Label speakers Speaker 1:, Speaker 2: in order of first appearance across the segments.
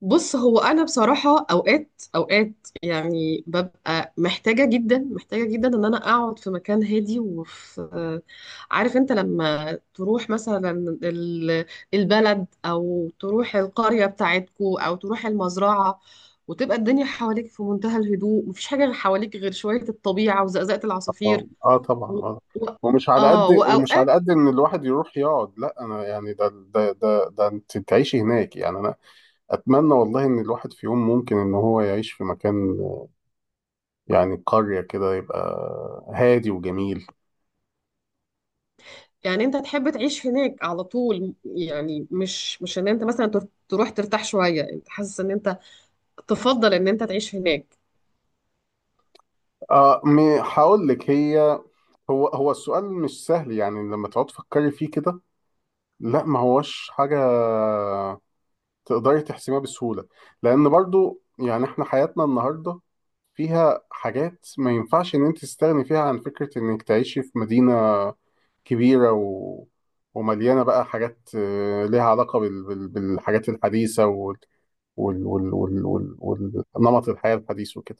Speaker 1: بص، هو انا بصراحه اوقات اوقات يعني ببقى محتاجه جدا محتاجه جدا ان انا اقعد في مكان هادي. وفي آه، عارف انت لما تروح مثلا ال- البلد او تروح القريه بتاعتكو او تروح المزرعه، وتبقى الدنيا حواليك في منتهى الهدوء، مفيش حاجه حواليك غير شويه الطبيعه وزقزقه
Speaker 2: اه،
Speaker 1: العصافير.
Speaker 2: آه طبعا،
Speaker 1: و...
Speaker 2: اه.
Speaker 1: و...
Speaker 2: ومش على قد
Speaker 1: اه،
Speaker 2: ومش
Speaker 1: واوقات
Speaker 2: على قد ان الواحد يروح يقعد، لا، انا يعني ده ده ده ده انت تعيشي هناك، يعني انا اتمنى والله ان الواحد في يوم ممكن ان هو يعيش في مكان، يعني قرية كده يبقى هادي وجميل.
Speaker 1: يعني. انت تحب تعيش هناك على طول، يعني مش ان انت مثلا تروح ترتاح شوية؟ انت حاسس ان انت تفضل ان انت تعيش هناك؟
Speaker 2: اه، هقول لك، هي هو هو السؤال مش سهل، يعني لما تقعد تفكري فيه كده. لا، ما هوش حاجة تقدري تحسميها بسهولة. لأن برضو يعني إحنا حياتنا النهاردة فيها حاجات ما ينفعش إن أنت تستغني فيها عن فكرة إنك تعيشي في مدينة كبيرة ومليانة بقى حاجات ليها علاقة بالحاجات الحديثة نمط الحياة الحديث وكده.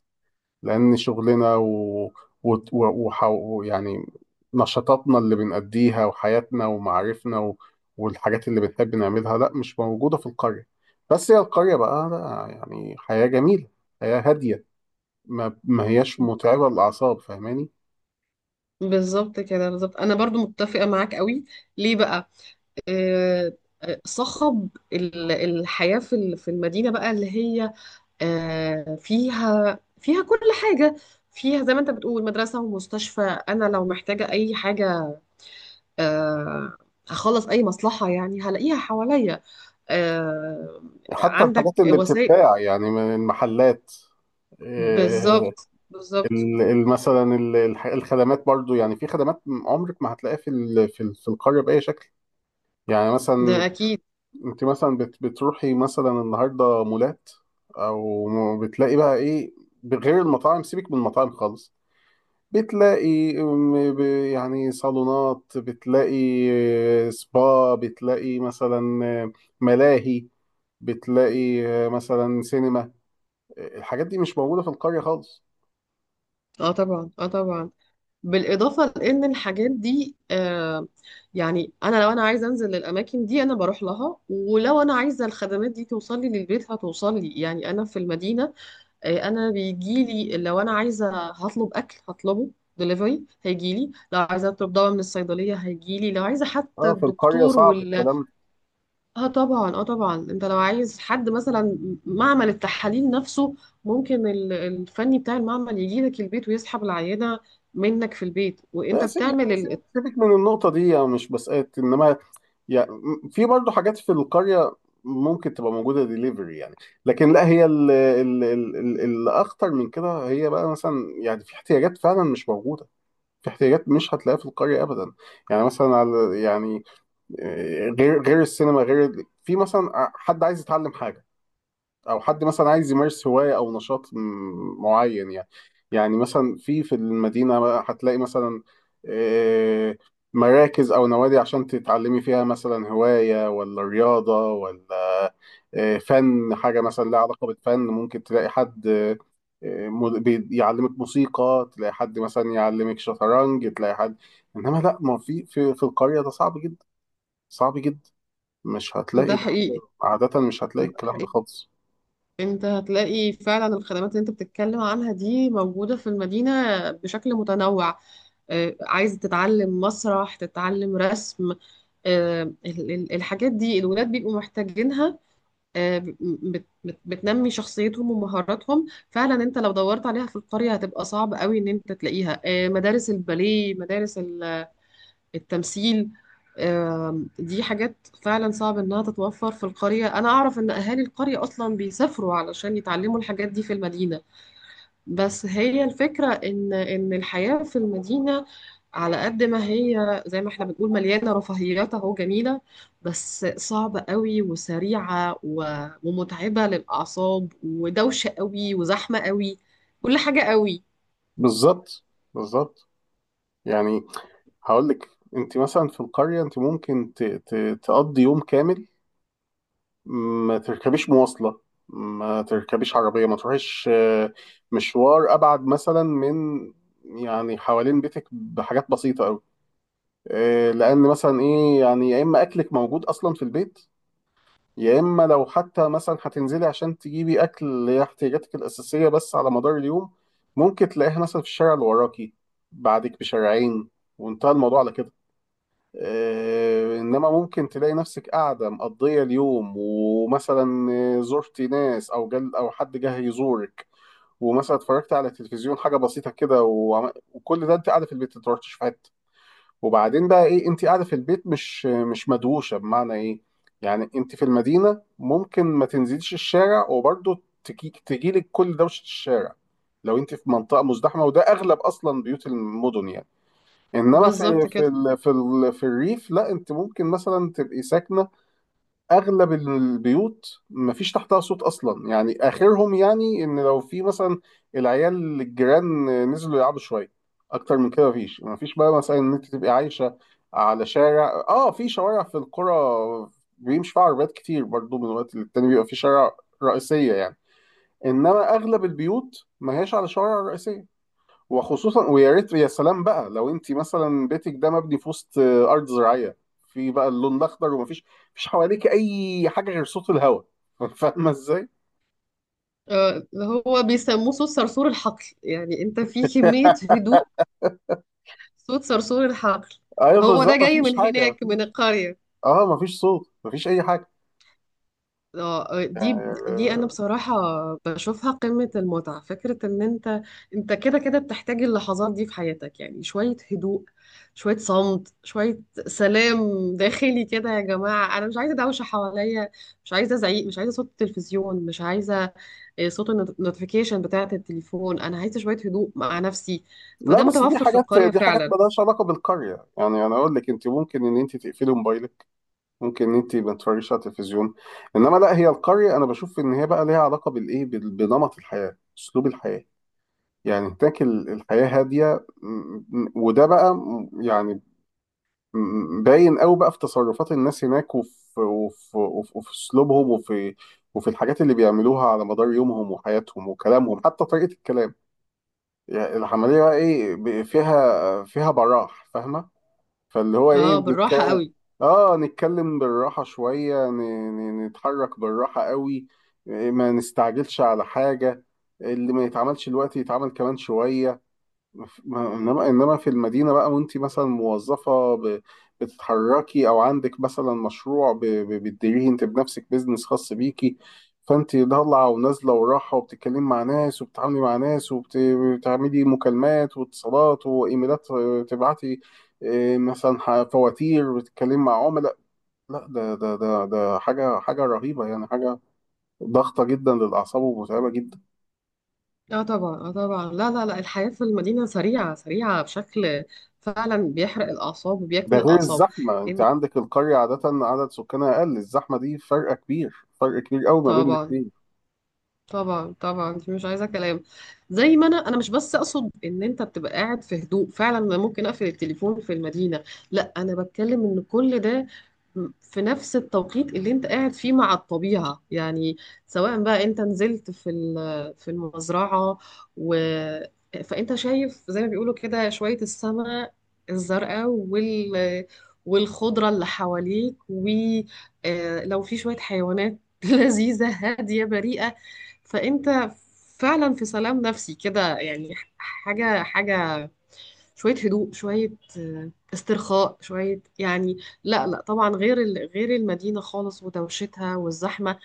Speaker 2: لأن شغلنا و... و... وح... يعني نشاطاتنا اللي بنأديها وحياتنا ومعارفنا والحاجات اللي بنحب نعملها لا مش موجودة في القرية. بس هي القرية بقى لا، يعني حياة جميلة، حياة هادية، ما هياش متعبة للأعصاب، فاهماني؟
Speaker 1: بالظبط كده، بالظبط، انا برضو متفقة معاك قوي. ليه بقى؟ آه صخب الحياة في في المدينة بقى، اللي هي فيها كل حاجة. فيها زي ما انت بتقول مدرسة ومستشفى. انا لو محتاجة اي حاجة، آه هخلص اي مصلحة، يعني هلاقيها حواليا. آه،
Speaker 2: حتى
Speaker 1: عندك
Speaker 2: الحاجات اللي
Speaker 1: وسائل.
Speaker 2: بتتباع يعني من المحلات. آه،
Speaker 1: بالظبط بالظبط.
Speaker 2: مثلا الخدمات برضو، يعني في خدمات عمرك ما هتلاقيها في القرية بأي شكل. يعني مثلا
Speaker 1: ده اكيد.
Speaker 2: انت مثلا بتروحي مثلا النهارده مولات، او بتلاقي بقى ايه، بغير المطاعم، سيبك من المطاعم خالص. بتلاقي يعني صالونات، بتلاقي سبا، بتلاقي مثلا ملاهي، بتلاقي مثلا سينما. الحاجات دي مش موجودة في القرية خالص.
Speaker 1: اه طبعا، اه طبعا. بالاضافه لان الحاجات دي، يعني انا لو انا عايزه انزل للاماكن دي انا بروح لها، ولو انا عايزه الخدمات دي توصل لي للبيت هتوصل لي. يعني انا في المدينه، انا بيجي لي. لو انا عايزه هطلب اكل هطلبه، دليفري هيجي لي. لو عايزه اطلب دواء من الصيدليه هيجي لي. لو عايزه حتى
Speaker 2: اه، في القرية
Speaker 1: الدكتور.
Speaker 2: صعب الكلام ده.
Speaker 1: اه طبعا، اه طبعا. انت لو عايز حد مثلا معمل التحاليل نفسه، ممكن الفني بتاع المعمل يجي لك البيت ويسحب العينة منك في البيت وانت
Speaker 2: لا،
Speaker 1: بتعمل
Speaker 2: يعني
Speaker 1: ال...
Speaker 2: سيبك من النقطة دي، يعني مش بسألك، إنما يعني في برضه حاجات في القرية ممكن تبقى موجودة ديليفري يعني. لكن لا، هي الأخطر من كده هي بقى مثلا، يعني في احتياجات فعلا مش موجودة، في احتياجات مش هتلاقيها في القرية أبدا. يعني مثلا، على يعني، غير غير السينما، غير في مثلا حد عايز يتعلم حاجة، او حد مثلا عايز يمارس هوايه او نشاط معين يعني. يعني مثلا في المدينه بقى هتلاقي مثلا آه، مراكز او نوادي عشان تتعلمي فيها مثلا هوايه ولا رياضه ولا فن، حاجه مثلا لها علاقه بالفن، ممكن تلاقي حد يعلمك موسيقى، تلاقي حد مثلا يعلمك شطرنج، تلاقي حد. انما لا، ما في القريه ده صعب جدا، صعب جدا، مش هتلاقي
Speaker 1: ده
Speaker 2: ده،
Speaker 1: حقيقي.
Speaker 2: عادة مش هتلاقي
Speaker 1: ده
Speaker 2: الكلام ده
Speaker 1: حقيقي.
Speaker 2: خالص.
Speaker 1: انت هتلاقي فعلا الخدمات اللي انت بتتكلم عنها دي موجودة في المدينة بشكل متنوع. عايز تتعلم مسرح، تتعلم رسم. الحاجات دي الولاد بيبقوا محتاجينها. بتنمي شخصيتهم ومهاراتهم. فعلا انت لو دورت عليها في القرية هتبقى صعب قوي ان انت تلاقيها. مدارس الباليه، مدارس التمثيل. دي حاجات فعلا صعب انها تتوفر في القرية. انا اعرف ان اهالي القرية اصلا بيسافروا علشان يتعلموا الحاجات دي في المدينة. بس هي الفكرة إن الحياة في المدينة، على قد ما هي زي ما احنا بنقول مليانة رفاهيات أهو، جميلة، بس صعبة قوي وسريعة ومتعبة للأعصاب ودوشة قوي وزحمة قوي، كل حاجة قوي.
Speaker 2: بالظبط، بالظبط. يعني هقول لك، انت مثلا في القريه انت ممكن تقضي يوم كامل، ما تركبيش مواصله، ما تركبيش عربيه، ما تروحيش مشوار ابعد مثلا من، يعني حوالين بيتك بحاجات بسيطه قوي. لان مثلا ايه، يعني يا اما اكلك موجود اصلا في البيت، يا اما لو حتى مثلا هتنزلي عشان تجيبي اكل، اللي هي احتياجاتك الاساسيه بس، على مدار اليوم ممكن تلاقيها مثلا في الشارع اللي وراكي، بعدك بشارعين، وانتهى الموضوع على كده. انما ممكن تلاقي نفسك قاعده مقضيه اليوم، ومثلا زرتي ناس او جل او حد جه يزورك، ومثلا اتفرجت على التلفزيون حاجه بسيطه كده، وكل ده انت قاعده في البيت ما في حته. وبعدين بقى ايه، انت قاعده في البيت مش مدوشه، بمعنى ايه؟ يعني انت في المدينه ممكن ما تنزليش الشارع وبرضه تجيلك كل دوشه الشارع، لو انت في منطقه مزدحمه، وده اغلب اصلا بيوت المدن يعني. انما
Speaker 1: بالظبط كده.
Speaker 2: في الريف لا، انت ممكن مثلا تبقي ساكنه، اغلب البيوت مفيش تحتها صوت اصلا، يعني اخرهم يعني ان لو في مثلا العيال الجيران نزلوا يلعبوا شويه، اكتر من كده مفيش بقى مثلا ان انت تبقي عايشه على شارع. اه، في شوارع في القرى بيمشي فيها عربيات كتير برضو، من وقت للتاني بيبقى في شارع رئيسيه يعني، انما اغلب البيوت ما هياش على شوارع رئيسيه. وخصوصا، ويا ريت يا سلام بقى لو انت مثلا بيتك ده مبني في وسط ارض زراعيه، في بقى اللون الاخضر ومفيش حواليك اي حاجه غير صوت الهواء. فاهمه ازاي؟
Speaker 1: آه، هو بيسموه صوت صرصور الحقل. يعني أنت في كمية هدوء، صوت صرصور الحقل.
Speaker 2: ايوه،
Speaker 1: هو ده
Speaker 2: بالظبط،
Speaker 1: جاي
Speaker 2: مفيش
Speaker 1: من
Speaker 2: حاجه،
Speaker 1: هناك من
Speaker 2: مفيش.
Speaker 1: القرية.
Speaker 2: اه، مفيش صوت، مفيش اي حاجه،
Speaker 1: اه. دي
Speaker 2: يعني
Speaker 1: دي انا بصراحة بشوفها قمة المتعة. فكرة ان انت، انت كده كده بتحتاج اللحظات دي في حياتك. يعني شوية هدوء، شوية صمت، شوية سلام داخلي كده. يا جماعة انا مش عايزة دوشة حواليا، مش عايزة زعيق، مش عايزة صوت التلفزيون، مش عايزة صوت النوتيفيكيشن بتاعة التليفون. انا عايزة شوية هدوء مع نفسي.
Speaker 2: لا،
Speaker 1: فده
Speaker 2: بس دي
Speaker 1: متوفر في
Speaker 2: حاجات
Speaker 1: القرية
Speaker 2: دي حاجات
Speaker 1: فعلا.
Speaker 2: مالهاش علاقه بالقريه، يعني انا اقول لك انت ممكن ان انت تقفلي موبايلك، ممكن ان انت ما تتفرجيش على التلفزيون. انما لا، هي القريه انا بشوف ان هي بقى ليها علاقه بالايه، بنمط الحياه، اسلوب الحياه. يعني هناك الحياة هادية، وده بقى يعني باين قوي بقى في تصرفات الناس هناك وفي اسلوبهم وفي الحاجات اللي بيعملوها على مدار يومهم وحياتهم وكلامهم، حتى طريقة الكلام. يعني العملية بقى ايه، فيها براح، فاهمة؟ فاللي هو ايه
Speaker 1: اه، بالراحة
Speaker 2: بنتكلم.
Speaker 1: قوي.
Speaker 2: اه، نتكلم بالراحة شوية، نتحرك بالراحة قوي، ما نستعجلش على حاجة، اللي ما يتعملش الوقت يتعمل كمان شوية. انما في المدينه بقى، وانت مثلا موظفه، بتتحركي، او عندك مثلا مشروع بتديريه انت بنفسك، بيزنس خاص بيكي، فانت ضالعه ونازله وراحه وبتتكلمي مع ناس وبتتعاملي مع ناس وبتعملي مكالمات واتصالات وايميلات، تبعتي مثلا فواتير وتتكلمي مع عملاء، لا، ده حاجه رهيبه يعني، حاجه ضغطه جدا للاعصاب ومتعبه جدا.
Speaker 1: اه طبعا، اه طبعا. لا لا لا، الحياة في المدينة سريعة سريعة بشكل فعلا بيحرق الأعصاب
Speaker 2: ده
Speaker 1: وبياكل
Speaker 2: غير
Speaker 1: الأعصاب.
Speaker 2: الزحمة، انت
Speaker 1: إن-
Speaker 2: عندك القرية عادة عدد سكانها اقل، الزحمة دي فرق كبير، فرق كبير قوي ما بين
Speaker 1: طبعا.
Speaker 2: الاتنين.
Speaker 1: طبعا طبعا، دي مش عايزه كلام. زي ما انا مش بس اقصد ان انت بتبقى قاعد في هدوء. فعلا انا ممكن اقفل التليفون في المدينه. لا، انا بتكلم ان كل ده في نفس التوقيت اللي انت قاعد فيه مع الطبيعه. يعني سواء بقى انت نزلت في في المزرعه، و فانت شايف زي ما بيقولوا كده شويه السماء الزرقاء والخضره اللي حواليك، ولو في شويه حيوانات لذيذه هاديه بريئه. فانت فعلا في سلام نفسي كده. يعني حاجه حاجه، شويه هدوء، شويه استرخاء شويه يعني. لا لا، طبعا غير غير المدينه خالص ودوشتها والزحمه.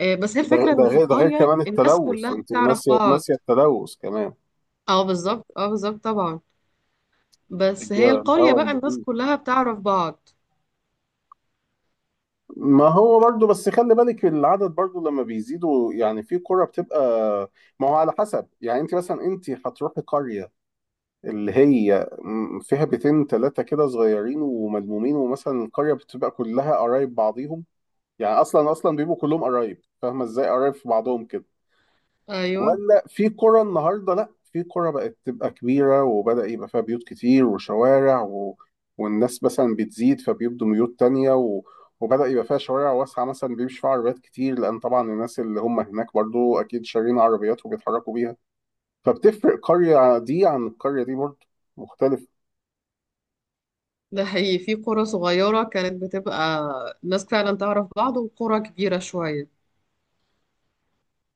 Speaker 1: بس هي
Speaker 2: ده
Speaker 1: الفكره
Speaker 2: ده
Speaker 1: ان في
Speaker 2: غير
Speaker 1: القريه
Speaker 2: كمان
Speaker 1: الناس
Speaker 2: التلوث،
Speaker 1: كلها
Speaker 2: انت
Speaker 1: بتعرف
Speaker 2: ناسية،
Speaker 1: بعض.
Speaker 2: ناسية التلوث كمان.
Speaker 1: اه بالظبط، اه بالظبط، طبعا. بس هي القريه
Speaker 2: الهواء
Speaker 1: بقى الناس
Speaker 2: النظيف.
Speaker 1: كلها بتعرف بعض.
Speaker 2: ما هو برضو بس خلي بالك، العدد برضو لما بيزيدوا يعني في قرى بتبقى، ما هو على حسب، يعني انت مثلا انت هتروحي قرية اللي هي فيها بيتين تلاتة كده صغيرين وملمومين، ومثلا القرية بتبقى كلها قرايب بعضيهم، يعني اصلا اصلا بيبقوا كلهم قرايب، فاهمه ازاي؟ قرايب في بعضهم كده.
Speaker 1: ايوه
Speaker 2: ولا في قرى النهارده، لا، في قرى بقت تبقى كبيره، وبدأ يبقى فيها بيوت كتير وشوارع والناس مثلا بتزيد فبيبدوا بيوت تانية وبدأ يبقى فيها شوارع واسعه مثلا بيمشي فيها عربيات كتير، لان طبعا الناس اللي هم هناك برضو اكيد شارين عربيات وبيتحركوا بيها. فبتفرق قريه دي عن القريه دي، برضو مختلفه.
Speaker 1: ده حقيقي. في قرى صغيره كانت بتبقى الناس فعلا تعرف بعض، وقرى كبيره شويه